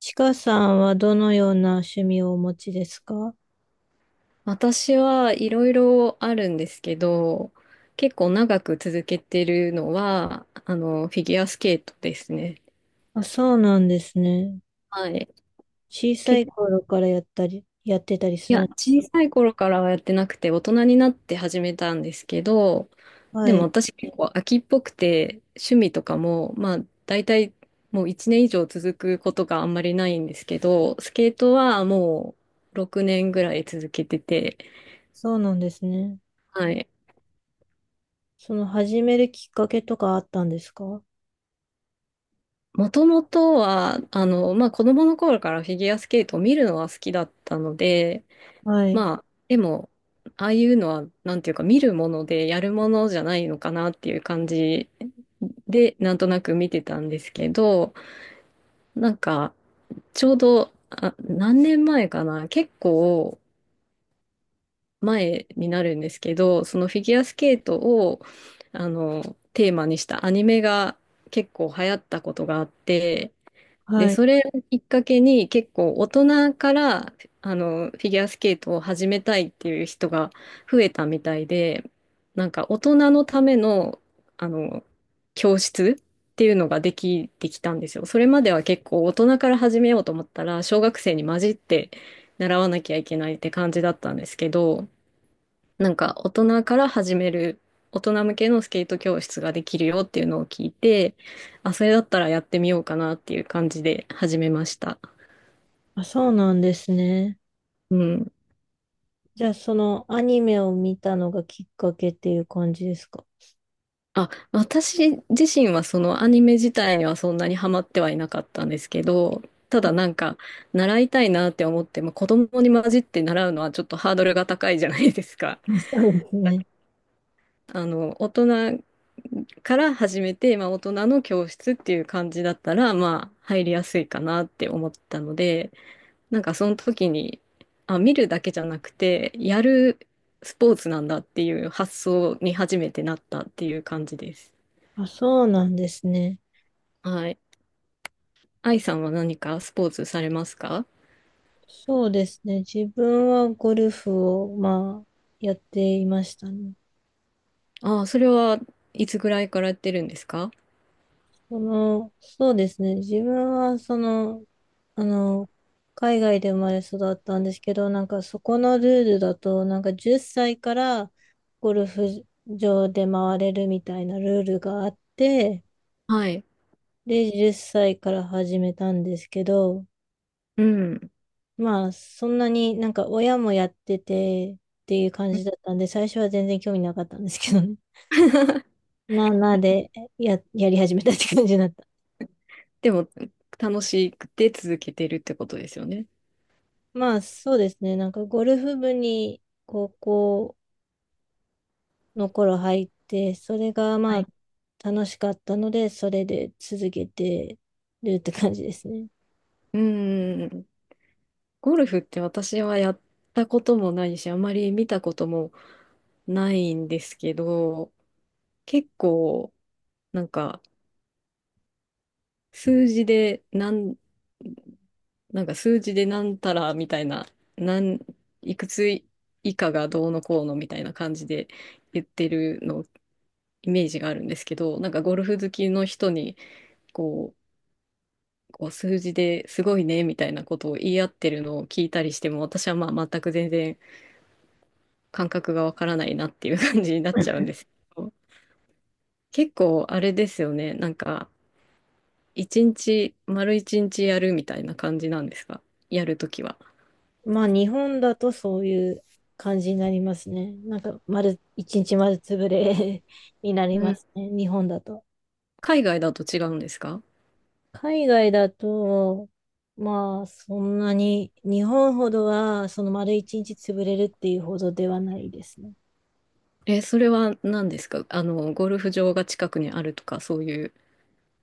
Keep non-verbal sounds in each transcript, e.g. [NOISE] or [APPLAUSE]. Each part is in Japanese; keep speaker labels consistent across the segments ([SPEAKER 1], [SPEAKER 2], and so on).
[SPEAKER 1] ちかさんはどのような趣味をお持ちですか？
[SPEAKER 2] 私はいろいろあるんですけど、結構長く続けてるのは、フィギュアスケートですね。
[SPEAKER 1] あ、そうなんですね。
[SPEAKER 2] はい。
[SPEAKER 1] 小さ
[SPEAKER 2] 結
[SPEAKER 1] い
[SPEAKER 2] 構、
[SPEAKER 1] 頃からやったり、やってたりす
[SPEAKER 2] いや、
[SPEAKER 1] る。
[SPEAKER 2] 小さい頃からはやってなくて、大人になって始めたんですけど、で
[SPEAKER 1] は
[SPEAKER 2] も
[SPEAKER 1] い。
[SPEAKER 2] 私結構飽きっぽくて、趣味とかも、大体もう1年以上続くことがあんまりないんですけど、スケートはもう6年ぐらい続けてて、
[SPEAKER 1] そうなんですね。
[SPEAKER 2] はい。
[SPEAKER 1] その始めるきっかけとかあったんですか？
[SPEAKER 2] もともとは、子供の頃からフィギュアスケートを見るのは好きだったので、
[SPEAKER 1] はい。
[SPEAKER 2] まあ、でも、ああいうのは、なんていうか、見るものでやるものじゃないのかなっていう感じで、なんとなく見てたんですけど、なんか、ちょうど、あ、何年前かな、結構前になるんですけど、そのフィギュアスケートを、あの、テーマにしたアニメが結構流行ったことがあって、で、
[SPEAKER 1] はい。
[SPEAKER 2] それをきっかけに結構大人からフィギュアスケートを始めたいっていう人が増えたみたいで、なんか大人のための、あの教室っていうのができてきたんですよ。それまでは結構大人から始めようと思ったら小学生に混じって習わなきゃいけないって感じだったんですけど、なんか大人から始める、大人向けのスケート教室ができるよっていうのを聞いて、あ、それだったらやってみようかなっていう感じで始めました。
[SPEAKER 1] あ、そうなんですね。
[SPEAKER 2] うん。
[SPEAKER 1] じゃあ、そのアニメを見たのがきっかけっていう感じですか？
[SPEAKER 2] あ、私自身はそのアニメ自体にはそんなにハマってはいなかったんですけど、ただなんか習いたいなって思っても子供に混じって習うのはちょっとハードルが高いじゃないですか。
[SPEAKER 1] あ、そうですね。
[SPEAKER 2] 大人から始めて、大人の教室っていう感じだったら、入りやすいかなって思ったので、なんかその時に、あ、見るだけじゃなくて、やるスポーツなんだっていう発想に初めてなったっていう感じです。
[SPEAKER 1] あ、そうなんですね。
[SPEAKER 2] はい。愛さんは何かスポーツされますか？
[SPEAKER 1] そうですね。自分はゴルフを、まあ、やっていましたね。
[SPEAKER 2] ああ、それはいつぐらいからやってるんですか？
[SPEAKER 1] そうですね。自分は、あの、海外で生まれ育ったんですけど、なんかそこのルールだと、なんか10歳からゴルフ場で回れるみたいなルールがあって、
[SPEAKER 2] はい。
[SPEAKER 1] で、10歳から始めたんですけど、
[SPEAKER 2] うん。
[SPEAKER 1] まあ、そんなになんか親もやっててっていう感じだったんで、最初は全然興味なかったんですけどね。[LAUGHS] な、なで、やり始めたって感じだった。
[SPEAKER 2] でも、楽しくて続けてるってことですよね。
[SPEAKER 1] まあ、そうですね。なんかゴルフ部に高校の頃入って、それが
[SPEAKER 2] は
[SPEAKER 1] ま
[SPEAKER 2] い。
[SPEAKER 1] あ楽しかったので、それで続けてるって感じですね。
[SPEAKER 2] うん。ゴルフって私はやったこともないし、あまり見たこともないんですけど、結構、なんか、数字で、なん、なんか数字でなんたらみたいな、なん、いくつ以下がどうのこうのみたいな感じで言ってるのをイメージがあるんですけど、なんかゴルフ好きの人にこう、こう数字ですごいねみたいなことを言い合ってるのを聞いたりしても、私は全く全然感覚がわからないなっていう感じになっちゃうんですけど、結構あれですよね、なんか、丸一日やるみたいな感じなんですか、やるときは。
[SPEAKER 1] まあ日本だとそういう感じになりますね。なんか一日丸潰れ [LAUGHS] にな
[SPEAKER 2] う
[SPEAKER 1] りま
[SPEAKER 2] ん。
[SPEAKER 1] すね。日本だと。
[SPEAKER 2] 海外だと違うんですか？
[SPEAKER 1] 海外だと、まあそんなに日本ほどはその丸一日潰れるっていうほどではないですね。
[SPEAKER 2] え、それは何ですか？ゴルフ場が近くにあるとか、そういう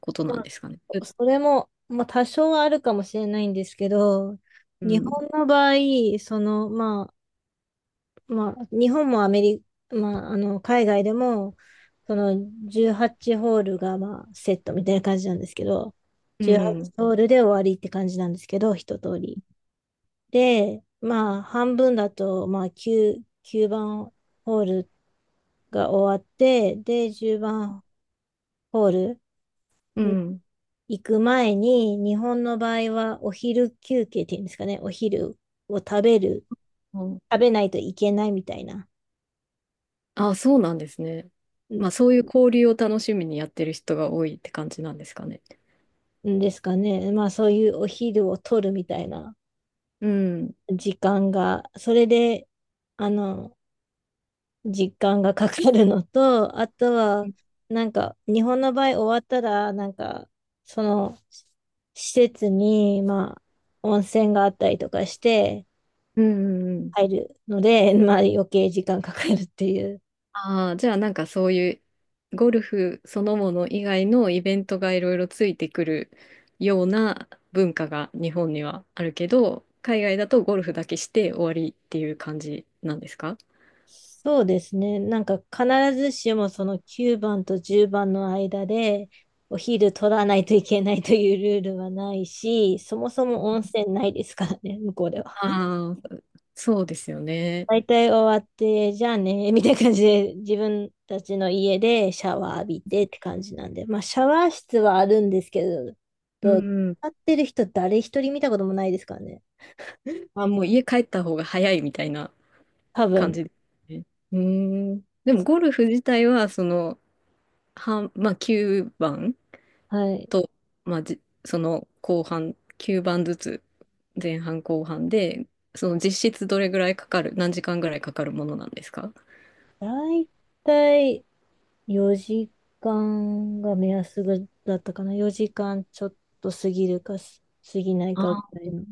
[SPEAKER 2] ことなん
[SPEAKER 1] ま
[SPEAKER 2] ですかね。う
[SPEAKER 1] あそれも、まあ、多少はあるかもしれないんですけど、
[SPEAKER 2] う
[SPEAKER 1] 日
[SPEAKER 2] ん。
[SPEAKER 1] 本の場合、まあ、日本もアメリカ、海外でも、その18ホールが、まあ、セットみたいな感じなんですけど、
[SPEAKER 2] う
[SPEAKER 1] 18
[SPEAKER 2] ん。
[SPEAKER 1] ホールで終わりって感じなんですけど、一通り。で、まあ、半分だと、まあ、9番ホールが終わって、で、10番ホール。
[SPEAKER 2] うん。
[SPEAKER 1] 行く前に、日本の場合はお昼休憩っていうんですかね、お昼を食べる、
[SPEAKER 2] うん。
[SPEAKER 1] 食べないといけないみたいな。
[SPEAKER 2] あ、そうなんですね。
[SPEAKER 1] ん
[SPEAKER 2] そういう交流を楽しみにやってる人が多いって感じなんですかね。
[SPEAKER 1] んですかね。まあそういうお昼を取るみたいな
[SPEAKER 2] うん。
[SPEAKER 1] 時間が、それで、あの、時間がかかるのと、あと
[SPEAKER 2] う
[SPEAKER 1] は、
[SPEAKER 2] ん
[SPEAKER 1] なんか、日本の場合終わったら、なんか、その、施設に、まあ、温泉があったりとかして
[SPEAKER 2] うんうん。
[SPEAKER 1] 入るので、まあ余計時間かかるっていう。
[SPEAKER 2] ああ、じゃあなんかそういうゴルフそのもの以外のイベントがいろいろついてくるような文化が日本にはあるけど、海外だとゴルフだけして終わりっていう感じなんですか？
[SPEAKER 1] そうですね。なんか必ずしもその9番と10番の間でお昼取らないといけないというルールはないし、そもそも温泉ないですからね、向こうでは。
[SPEAKER 2] ああー、そうですよね。
[SPEAKER 1] 大体終わって、じゃあね、みたいな感じで自分たちの家でシャワー浴びてって感じなんで、まあシャワー室はあるんですけど、
[SPEAKER 2] う
[SPEAKER 1] どう
[SPEAKER 2] ん。
[SPEAKER 1] 使ってる人誰一人見たこともないですからね。
[SPEAKER 2] あ、もう家帰った方が早いみたいな
[SPEAKER 1] 多
[SPEAKER 2] 感
[SPEAKER 1] 分。
[SPEAKER 2] じですね。うーん。でもゴルフ自体は、その、半、まあ9番
[SPEAKER 1] はい。
[SPEAKER 2] と、まあじ、その後半、9番ずつ、前半後半で、その実質どれぐらいかかる、何時間ぐらいかかるものなんですか？
[SPEAKER 1] 大体4時間が目安ぐだったかな。4時間ちょっと過ぎるか過ぎないかぐ
[SPEAKER 2] あ
[SPEAKER 1] らいの。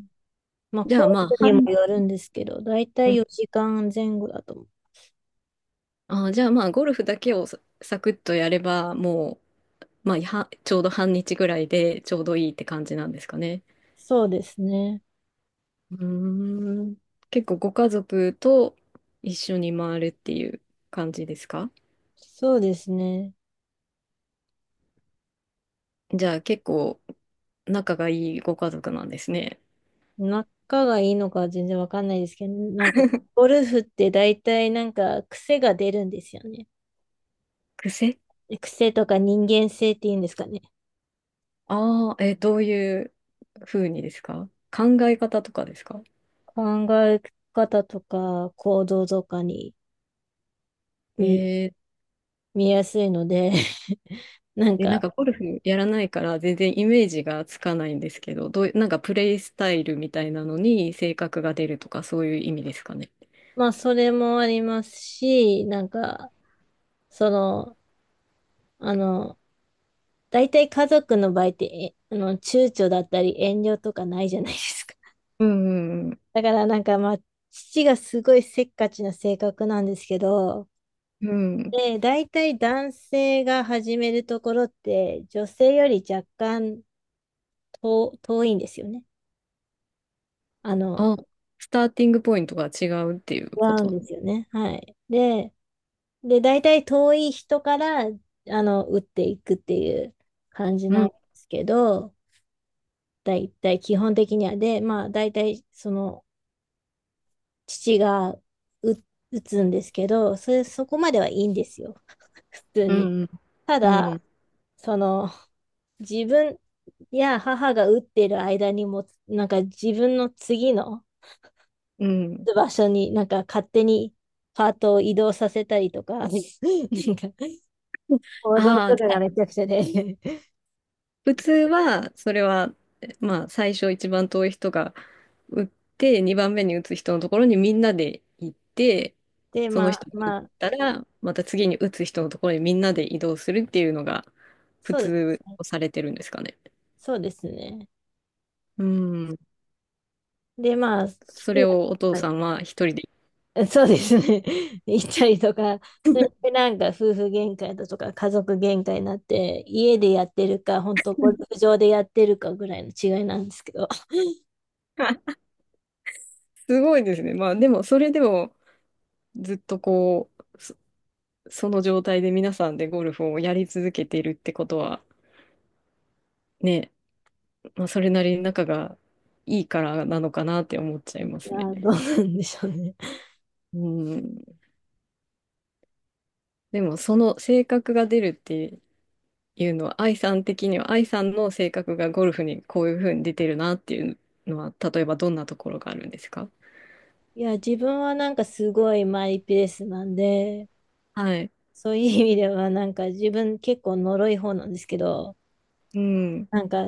[SPEAKER 1] まあ、
[SPEAKER 2] じ
[SPEAKER 1] コ
[SPEAKER 2] ゃあまあ、
[SPEAKER 1] ースにも
[SPEAKER 2] 半、
[SPEAKER 1] よるんですけど、だいた
[SPEAKER 2] う
[SPEAKER 1] い
[SPEAKER 2] ん。
[SPEAKER 1] 4時間前後だと思う。
[SPEAKER 2] あ、じゃあ、まあ、ゴルフだけをササクッとやれば、もう、ちょうど半日ぐらいでちょうどいいって感じなんですかね。
[SPEAKER 1] そうですね。
[SPEAKER 2] うーん。結構ご家族と一緒に回るっていう感じですか？
[SPEAKER 1] そうですね。
[SPEAKER 2] じゃあ結構仲がいいご家族なんですね。
[SPEAKER 1] 仲がいいのかは全然わかんないですけど、なんか、ゴルフってだいたいなんか癖が出るんですよね。
[SPEAKER 2] 癖。
[SPEAKER 1] 癖とか人間性っていうんですかね。
[SPEAKER 2] ああー、え、どういう風にですか？考え方とかですか？
[SPEAKER 1] 考え方とか行動とかに見、
[SPEAKER 2] え
[SPEAKER 1] 見やすいので [LAUGHS] なん
[SPEAKER 2] ー、え、なん
[SPEAKER 1] か、
[SPEAKER 2] かゴルフやらないから全然イメージがつかないんですけど、どうい、なんかプレイスタイルみたいなのに性格が出るとかそういう意味ですかね。
[SPEAKER 1] まあ、それもありますし、なんか、その、あの、大体家族の場合って、えあの、躊躇だったり遠慮とかないじゃないですか。[LAUGHS]
[SPEAKER 2] うんうん
[SPEAKER 1] だからなんかまあ、父がすごいせっかちな性格なんですけど、
[SPEAKER 2] うん。うん。
[SPEAKER 1] で、大体男性が始めるところって、女性より若干遠いんですよね。あの、
[SPEAKER 2] あ、スターティングポイントが違うっていう
[SPEAKER 1] 違
[SPEAKER 2] こ
[SPEAKER 1] うん
[SPEAKER 2] と。
[SPEAKER 1] ですよね。はい。で、大体遠い人から、あの、打っていくっていう感じ
[SPEAKER 2] う
[SPEAKER 1] なん
[SPEAKER 2] ん
[SPEAKER 1] ですけど、大体基本的には。で、まあ、大体、その、父が打、打つんですけど、そこまではいいんですよ。[LAUGHS] 普通
[SPEAKER 2] う
[SPEAKER 1] に。
[SPEAKER 2] ん、
[SPEAKER 1] た
[SPEAKER 2] う
[SPEAKER 1] だ、
[SPEAKER 2] ん、
[SPEAKER 1] その、自分や母が打ってる間にも、なんか自分の次の
[SPEAKER 2] うん。
[SPEAKER 1] 場所になんか勝手にパートを移動させたりとか、[LAUGHS] なんか、行動
[SPEAKER 2] ああ、
[SPEAKER 1] と
[SPEAKER 2] じ
[SPEAKER 1] か
[SPEAKER 2] ゃ
[SPEAKER 1] が
[SPEAKER 2] あ
[SPEAKER 1] めちゃくちゃで。
[SPEAKER 2] 普通は、それは、最初一番遠い人が打って、2番目に打つ人のところにみんなで行って、
[SPEAKER 1] で、
[SPEAKER 2] その
[SPEAKER 1] まあ、
[SPEAKER 2] 人が打っ
[SPEAKER 1] まあ、
[SPEAKER 2] たら、また次に打つ人のところにみんなで移動するっていうのが、普
[SPEAKER 1] そうで
[SPEAKER 2] 通
[SPEAKER 1] すね。
[SPEAKER 2] とされてるんですかね。
[SPEAKER 1] そうですね。
[SPEAKER 2] うん。
[SPEAKER 1] で、まあ、父
[SPEAKER 2] そ
[SPEAKER 1] が
[SPEAKER 2] れをお父
[SPEAKER 1] やっ
[SPEAKER 2] さんは一人で。
[SPEAKER 1] ぱり [LAUGHS] そうですね。[LAUGHS] 行ったりとか、それでなんか夫婦喧嘩だとか家族喧嘩になって、家でやってるか、本当ゴルフ場でやってるかぐらいの違いなんですけど。
[SPEAKER 2] [LAUGHS] すごいですね。でも、それでも、ずっとこう、その状態で皆さんでゴルフをやり続けているってことは、ね、それなりに仲がいいからなのかなって思っちゃ
[SPEAKER 1] [LAUGHS]
[SPEAKER 2] い
[SPEAKER 1] い
[SPEAKER 2] ます
[SPEAKER 1] や
[SPEAKER 2] ね。
[SPEAKER 1] ー、どうなんでしょうね。[LAUGHS]
[SPEAKER 2] うん。でも、その性格が出るっていうのは、愛さん的には、愛さんの性格がゴルフにこういうふうに出てるなっていうのは、例えばどんなところがあるんですか？
[SPEAKER 1] いや、自分はなんかすごいマイペースなんで、
[SPEAKER 2] はい。
[SPEAKER 1] そういう意味ではなんか自分結構呪い方なんですけど、
[SPEAKER 2] うん。
[SPEAKER 1] なんか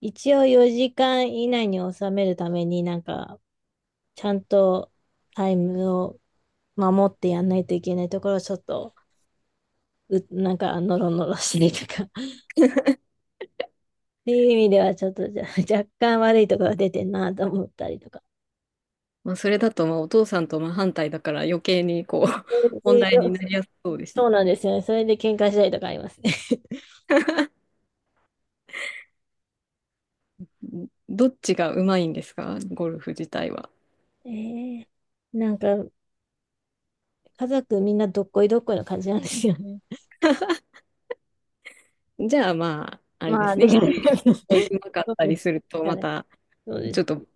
[SPEAKER 1] 一応4時間以内に収めるためになんかちゃんとタイムを守ってやんないといけないところをちょっと、なんか、ノロノロしてるとか、[LAUGHS] っていう意味では、ちょっと若干悪いところが出てんなと思ったりとか。
[SPEAKER 2] それだと、まあ、お父さんと真反対だから余計にこう
[SPEAKER 1] そう
[SPEAKER 2] [LAUGHS] 問
[SPEAKER 1] いう
[SPEAKER 2] 題になりやすそうです
[SPEAKER 1] そう
[SPEAKER 2] ね。
[SPEAKER 1] なんですよね。それで喧嘩したりとかありますね。
[SPEAKER 2] うん。どっちがうまいんですか、ゴルフ自体は。
[SPEAKER 1] [LAUGHS] えー、なんか、家族みんなどっこいどっこいの感じなんですよね。
[SPEAKER 2] じゃあ、まあ、
[SPEAKER 1] [LAUGHS]
[SPEAKER 2] あれで
[SPEAKER 1] まあ、
[SPEAKER 2] すね。
[SPEAKER 1] で
[SPEAKER 2] 一
[SPEAKER 1] き
[SPEAKER 2] 人
[SPEAKER 1] る。
[SPEAKER 2] ですごい上手か
[SPEAKER 1] そ
[SPEAKER 2] ったり
[SPEAKER 1] う
[SPEAKER 2] すると、
[SPEAKER 1] あ
[SPEAKER 2] ま
[SPEAKER 1] れ
[SPEAKER 2] た、
[SPEAKER 1] そうで
[SPEAKER 2] ちょっ
[SPEAKER 1] す。
[SPEAKER 2] と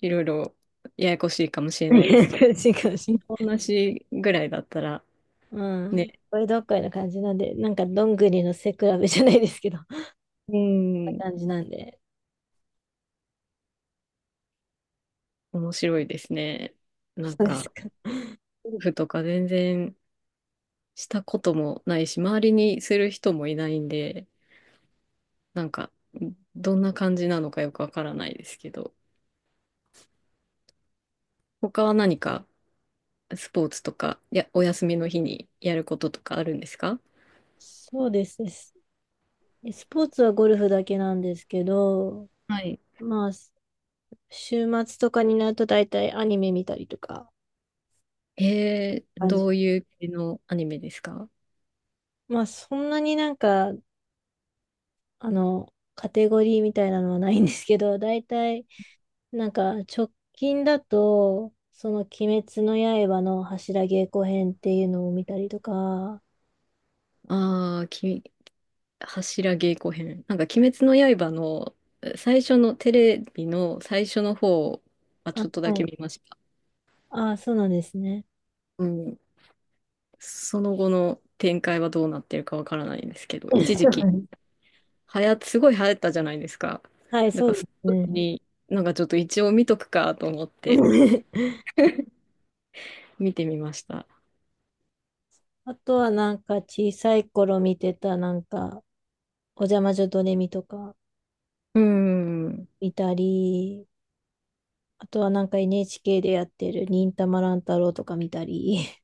[SPEAKER 2] いろいろややこしいかもし
[SPEAKER 1] [LAUGHS]
[SPEAKER 2] れないですけど、
[SPEAKER 1] 感じかもしれな
[SPEAKER 2] 今
[SPEAKER 1] い。
[SPEAKER 2] 同じぐらいだったら
[SPEAKER 1] うん。どっ
[SPEAKER 2] ね、
[SPEAKER 1] こいどっこいの感じなんで、なんか、どんぐりの背比べじゃないですけど。
[SPEAKER 2] う
[SPEAKER 1] な
[SPEAKER 2] ん、
[SPEAKER 1] 感じなんで。
[SPEAKER 2] 面白いですね。な
[SPEAKER 1] そ
[SPEAKER 2] ん
[SPEAKER 1] うです
[SPEAKER 2] か、
[SPEAKER 1] か。
[SPEAKER 2] ゴルフとか全然したこともないし、周りにする人もいないんで、なんか、どんな感じなのかよくわからないですけど、他は何かスポーツとか、お休みの日にやることとかあるんですか？
[SPEAKER 1] そうですね。スポーツはゴルフだけなんですけど、
[SPEAKER 2] はい。
[SPEAKER 1] まあ、週末とかになると大体アニメ見たりとか、感じ。
[SPEAKER 2] どういう系のアニメですか？
[SPEAKER 1] まあ、そんなになんか、あの、カテゴリーみたいなのはないんですけど、大体、なんか、直近だと、その、鬼滅の刃の柱稽古編っていうのを見たりとか、
[SPEAKER 2] ああー、柱稽古編。なんか、鬼滅の刃の最初のテレビの最初の方はち
[SPEAKER 1] あ、
[SPEAKER 2] ょっとだ
[SPEAKER 1] は
[SPEAKER 2] け
[SPEAKER 1] い。
[SPEAKER 2] 見ました。
[SPEAKER 1] あ、そうなんですね。
[SPEAKER 2] うん。その後の展開はどうなってるかわからないんです
[SPEAKER 1] [LAUGHS] そ
[SPEAKER 2] けど、一時
[SPEAKER 1] うな
[SPEAKER 2] 期、
[SPEAKER 1] んです。
[SPEAKER 2] すごい流行ったじゃないですか。
[SPEAKER 1] はい、
[SPEAKER 2] だ
[SPEAKER 1] そ
[SPEAKER 2] か
[SPEAKER 1] う
[SPEAKER 2] ら、
[SPEAKER 1] で
[SPEAKER 2] そ
[SPEAKER 1] す
[SPEAKER 2] の時
[SPEAKER 1] ね。
[SPEAKER 2] に、なんかちょっと一応見とくかと思って
[SPEAKER 1] [LAUGHS]
[SPEAKER 2] 見てみました。
[SPEAKER 1] あとはなんか小さい頃見てたなんか、おじゃ魔女ドレミとか
[SPEAKER 2] うん。
[SPEAKER 1] 見たり、あとはなんか NHK でやってる忍たま乱太郎とか見たり。[LAUGHS]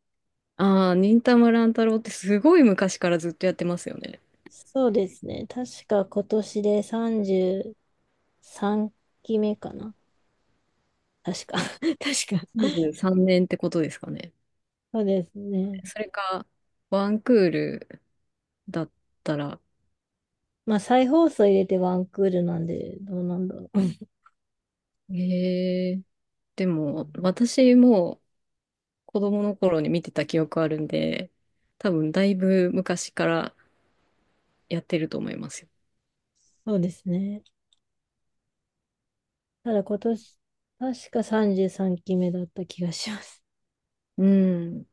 [SPEAKER 2] ああ、忍たま乱太郎ってすごい昔からずっとやってますよね。
[SPEAKER 1] そうですね。確か今年で33期目かな。確か。[LAUGHS] 確か。
[SPEAKER 2] 23年ってことですかね。
[SPEAKER 1] そうですね。
[SPEAKER 2] それか、ワンクールだったら。
[SPEAKER 1] まあ再放送入れてワンクールなんで、どうなんだろう。[LAUGHS]
[SPEAKER 2] ええ、でも、私も子供の頃に見てた記憶あるんで、多分だいぶ昔からやってると思いますよ。
[SPEAKER 1] そうですね。ただ今年、確か33期目だった気がします。
[SPEAKER 2] うん。